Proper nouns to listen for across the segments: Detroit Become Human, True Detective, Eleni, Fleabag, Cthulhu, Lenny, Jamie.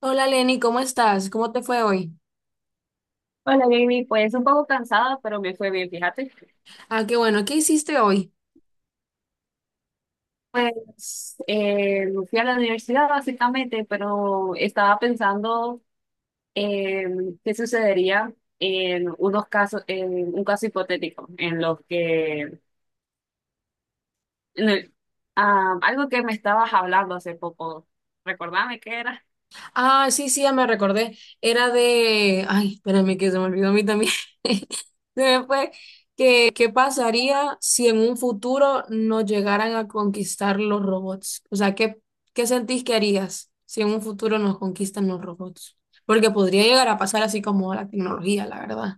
Hola Lenny, ¿cómo estás? ¿Cómo te fue hoy? Hola, Jamie, pues un poco cansada, pero me fue bien, fíjate. Ah, qué bueno, ¿qué hiciste hoy? Pues fui a la universidad básicamente, pero estaba pensando en qué sucedería en unos casos, en un caso hipotético, en los que, en el- ah, algo que me estabas hablando hace poco. ¿Recordame qué era? Ah, sí, sí, ya me recordé. Era de... Ay, espérame que se me olvidó a mí también. Se me fue. ¿Qué pasaría si en un futuro nos llegaran a conquistar los robots? O sea, ¿qué sentís que harías si en un futuro nos conquistan los robots? Porque podría llegar a pasar así como la tecnología, la verdad.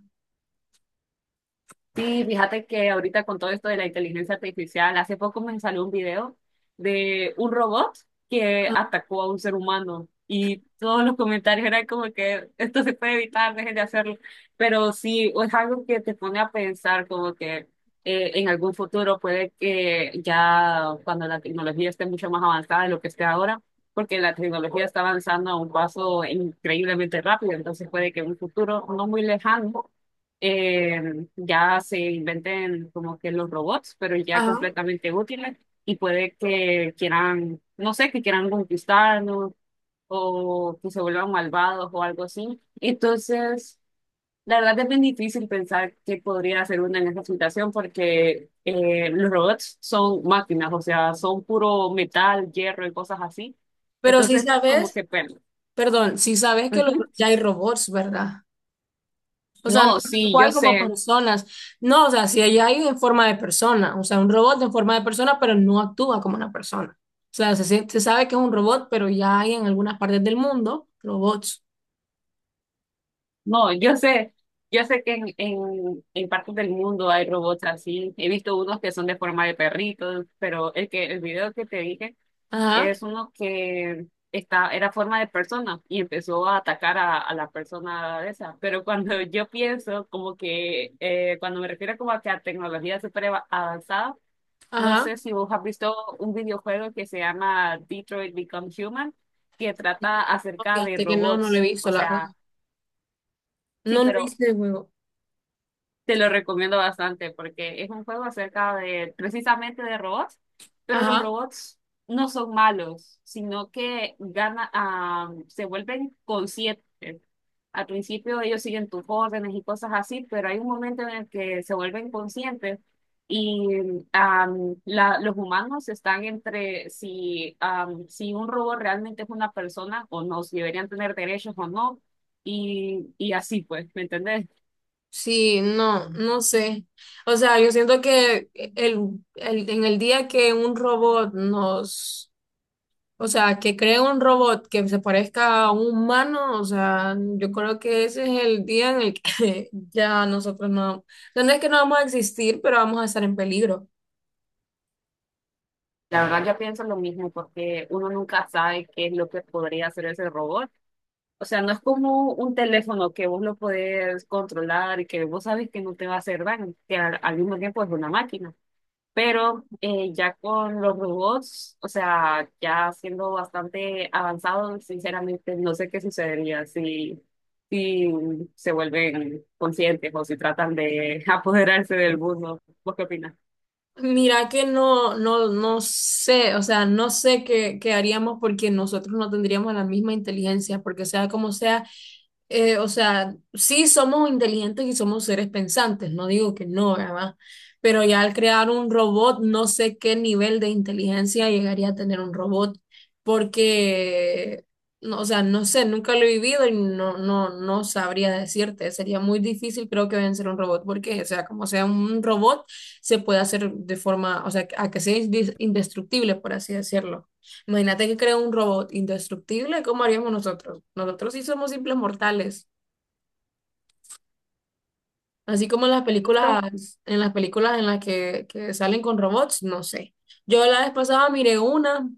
Sí, fíjate que ahorita con todo esto de la inteligencia artificial, hace poco me salió un video de un robot que atacó a un ser humano, y todos los comentarios eran como que esto se puede evitar, dejen de hacerlo. Pero sí, es algo que te pone a pensar como que en algún futuro puede que ya cuando la tecnología esté mucho más avanzada de lo que esté ahora, porque la tecnología está avanzando a un paso increíblemente rápido, entonces puede que en un futuro no muy lejano eh, ya se inventen como que los robots, pero ya Ajá. completamente útiles, y puede que quieran, no sé, que quieran conquistarnos o que se vuelvan malvados o algo así. Entonces, la verdad es bien difícil pensar qué podría hacer una en esa situación, porque los robots son máquinas, o sea, son puro metal, hierro y cosas así. Pero si Entonces, como sabes, que pena. perdón, si sabes que Ujú. ya hay robots, ¿verdad? O sea, no No, tal sí, yo cual como sé. personas. No, o sea, si allá hay en forma de persona, o sea, un robot en forma de persona, pero no actúa como una persona. O sea, se sabe que es un robot, pero ya hay en algunas partes del mundo robots. No, yo sé que en, en partes del mundo hay robots así. He visto unos que son de forma de perritos, pero el que el video que te dije Ajá, es uno que está, era forma de persona y empezó a atacar a la persona esa. Pero cuando yo pienso, como que cuando me refiero como a que a tecnología avanzada, no ajá. sé si vos has visto un videojuego que se llama Detroit Become Human, que trata No, acerca de fíjate que no, no lo he robots. O visto, la verdad. sea, sí, No lo he pero visto el juego. te lo recomiendo bastante porque es un juego acerca de precisamente de robots, pero los Ajá. robots no son malos, sino que gana, ah, se vuelven conscientes. Al principio ellos siguen tus órdenes y cosas así, pero hay un momento en el que se vuelven conscientes y los humanos están entre si, si un robot realmente es una persona o no, si deberían tener derechos o no, y así pues, ¿me entendés? Sí, no, no sé. O sea, yo siento que en el día que un robot nos... O sea, que cree un robot que se parezca a un humano, o sea, yo creo que ese es el día en el que ya nosotros no, no es que no vamos a existir, pero vamos a estar en peligro. La verdad yo pienso lo mismo porque uno nunca sabe qué es lo que podría hacer ese robot. O sea, no es como un teléfono que vos lo podés controlar y que vos sabes que no te va a hacer daño, que al mismo tiempo es una máquina. Pero ya con los robots, o sea, ya siendo bastante avanzados, sinceramente no sé qué sucedería si se vuelven conscientes o si tratan de apoderarse del mundo. ¿Vos qué opinas? Mira que no, no, no sé, o sea, no sé qué haríamos porque nosotros no tendríamos la misma inteligencia, porque sea como sea, o sea, sí somos inteligentes y somos seres pensantes, no digo que no, ¿verdad? Pero ya al crear un robot, no sé qué nivel de inteligencia llegaría a tener un robot, porque, no, o sea, no sé, nunca lo he vivido y no, no, no sabría decirte, sería muy difícil creo que vencer a un robot, porque, o sea, como sea un robot se puede hacer de forma, o sea, a que sea indestructible, por así decirlo. Imagínate que crea un robot indestructible, ¿cómo haríamos nosotros? Nosotros sí somos simples mortales, así como en las ¿Listo? películas, en las películas en las que salen con robots, no sé. Yo la vez pasada miré una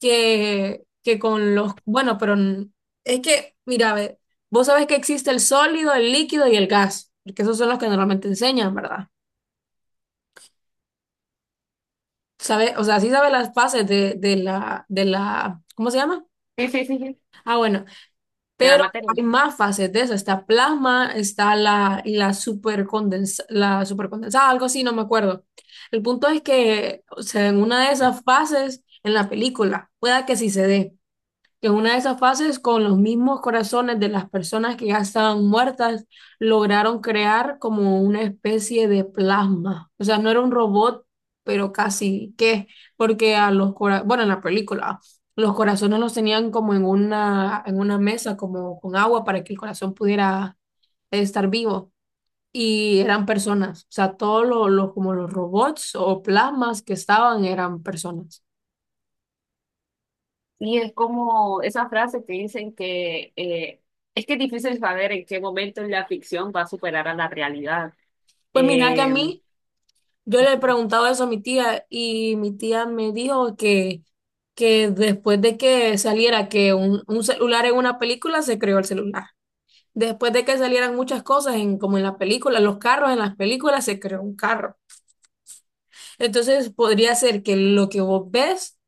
que con los, bueno, pero es que, mira, ve, vos sabés que existe el sólido, el líquido y el gas, porque esos son los que normalmente enseñan, ¿verdad? Sabe, o sea, sí sabe las fases de ¿cómo se llama? Sí, sí, sí, sí, Ah, bueno, de la pero materia. hay más fases de eso. Está plasma, está la supercondensa, la supercondensada, algo así, no me acuerdo. El punto es que, o sea, en una de esas fases en la película, pueda que sí se dé. En una de esas fases, con los mismos corazones de las personas que ya estaban muertas, lograron crear como una especie de plasma. O sea, no era un robot, pero casi que, porque a los corazones, bueno, en la película, los corazones los tenían como en una mesa, como con agua para que el corazón pudiera estar vivo. Y eran personas, o sea, todos como los robots o plasmas que estaban eran personas. Y es como esa frase que dicen que es que es difícil saber en qué momento la ficción va a superar a la realidad. Pues mira que a Eh, mí... Yo le he preguntado eso a mi tía y mi tía me dijo que después de que saliera que un celular en una película, se creó el celular. Después de que salieran muchas cosas en, como en las películas, los carros en las películas, se creó un carro. Entonces podría ser que lo que vos ves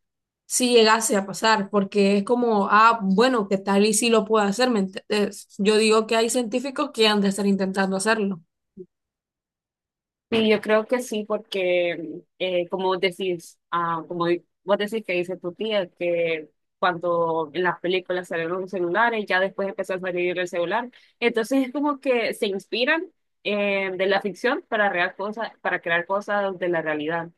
si llegase a pasar, porque es como, ah, bueno, que tal y si lo puede hacer, ¿me entendés? Yo digo que hay científicos que han de estar intentando hacerlo. y yo creo que sí, porque como decís, ah, vos decís que dice tu tía, que cuando en las películas salieron los celulares, ya después empezó a salir el celular. Entonces es como que se inspiran de la ficción para, real cosas, para crear cosas de la realidad.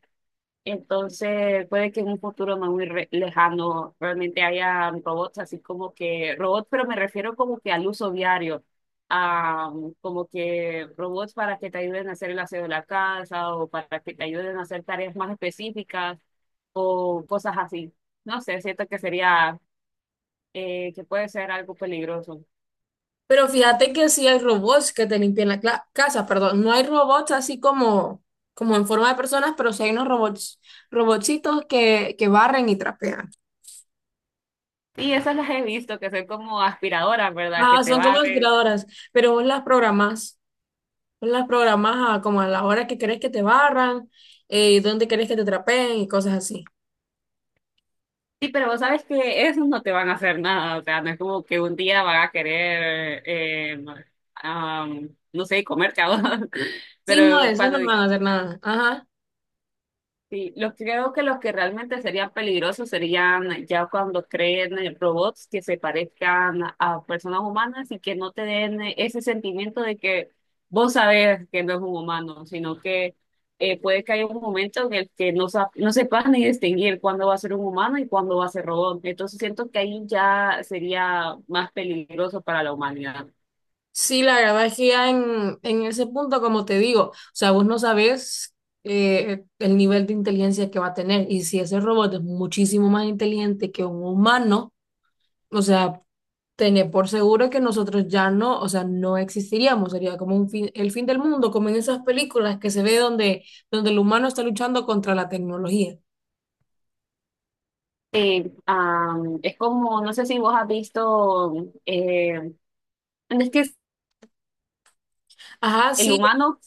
Entonces, puede que en un futuro no muy lejano realmente haya robots, así como que robots, pero me refiero como que al uso diario, a como que robots para que te ayuden a hacer el aseo de la casa o para que te ayuden a hacer tareas más específicas o cosas así. No sé, siento que sería, que puede ser algo peligroso. Pero fíjate que sí hay robots que te limpian la casa, perdón. No hay robots así como, como en forma de personas, pero sí hay unos robots, robotcitos que barren y trapean. Y esas las he visto, que son como aspiradoras, ¿verdad? Que Ah, te son como barren aspiradoras, pero vos las programás. Vos las programás a como a la hora que querés que te barran, dónde querés que te trapeen y cosas así. sí, pero vos sabes que esos no te van a hacer nada, o sea, no es como que un día van a querer, no sé, comerte a vos, Sí, no, pero eso cuando no van a hacer nada. Ajá. Creo que los que realmente serían peligrosos serían ya cuando creen robots que se parezcan a personas humanas y que no te den ese sentimiento de que vos sabés que no es un humano, sino que puede que haya un momento en el que no, no sepas ni distinguir cuándo va a ser un humano y cuándo va a ser robot. Entonces siento que ahí ya sería más peligroso para la humanidad. Sí, la verdad es que ya en ese punto, como te digo, o sea, vos no sabes el nivel de inteligencia que va a tener y si ese robot es muchísimo más inteligente que un humano, o sea, tener por seguro que nosotros ya no, o sea, no existiríamos, sería como un fin, el fin del mundo, como en esas películas que se ve donde, donde el humano está luchando contra la tecnología. Es como, no sé si vos has visto... Eh, es que Ajá, el sí, humano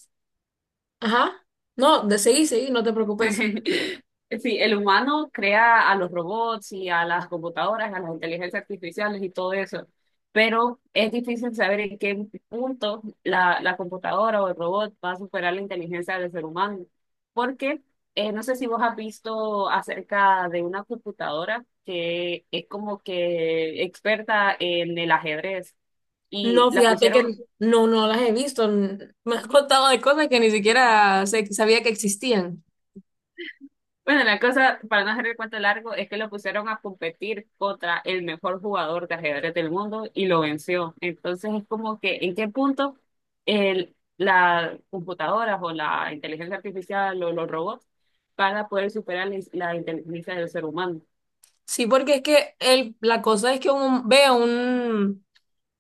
ajá. No, de seguí, seguí, no te preocupes. sí, el humano crea a los robots y a las computadoras, a las inteligencias artificiales y todo eso, pero es difícil saber en qué punto la computadora o el robot va a superar la inteligencia del ser humano, porque no sé si vos has visto acerca de una computadora que es como que experta en el ajedrez y No, la fíjate que pusieron no, no las he visto. Me has contado de cosas que ni siquiera sabía que existían. bueno, la cosa, para no hacer el cuento largo, es que lo pusieron a competir contra el mejor jugador de ajedrez del mundo y lo venció. Entonces es como que, ¿en qué punto el, las computadoras o la inteligencia artificial o los robots van a poder superar la inteligencia del ser humano? Sí, porque es que el, la cosa es que uno ve un...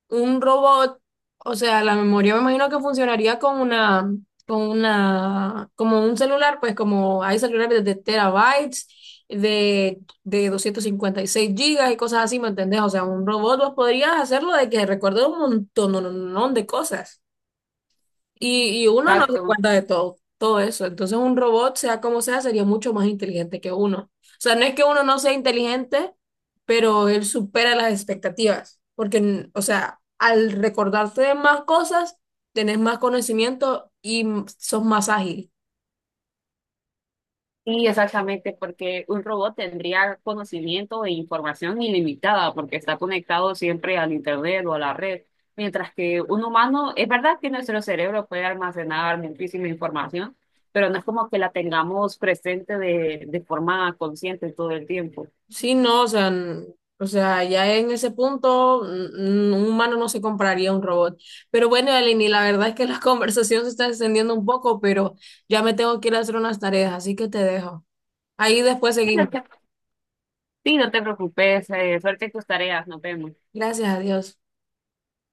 Un robot, o sea, la memoria me imagino que funcionaría con una, como un celular, pues como hay celulares de terabytes, de 256 GB y cosas así, ¿me entendés? O sea, un robot vos podrías hacerlo de que recuerde un montón, no, no, no, de cosas. Y uno no se Exacto. cuenta de todo, todo eso. Entonces un robot, sea como sea, sería mucho más inteligente que uno. O sea, no es que uno no sea inteligente, pero él supera las expectativas. Porque, o sea, al recordarte de más cosas, tenés más conocimiento y sos más ágil. Sí, exactamente, porque un robot tendría conocimiento e información ilimitada porque está conectado siempre al internet o a la red, mientras que un humano, es verdad que nuestro cerebro puede almacenar muchísima información, pero no es como que la tengamos presente de forma consciente todo el tiempo. Sí, no, o sea, o sea, ya en ese punto, un humano no se compraría un robot. Pero bueno, Eleni, la verdad es que la conversación se está extendiendo un poco, pero ya me tengo que ir a hacer unas tareas, así que te dejo. Ahí después Sí, no seguimos. te sí, no te preocupes, suerte en tus tareas, nos vemos. Gracias a Dios.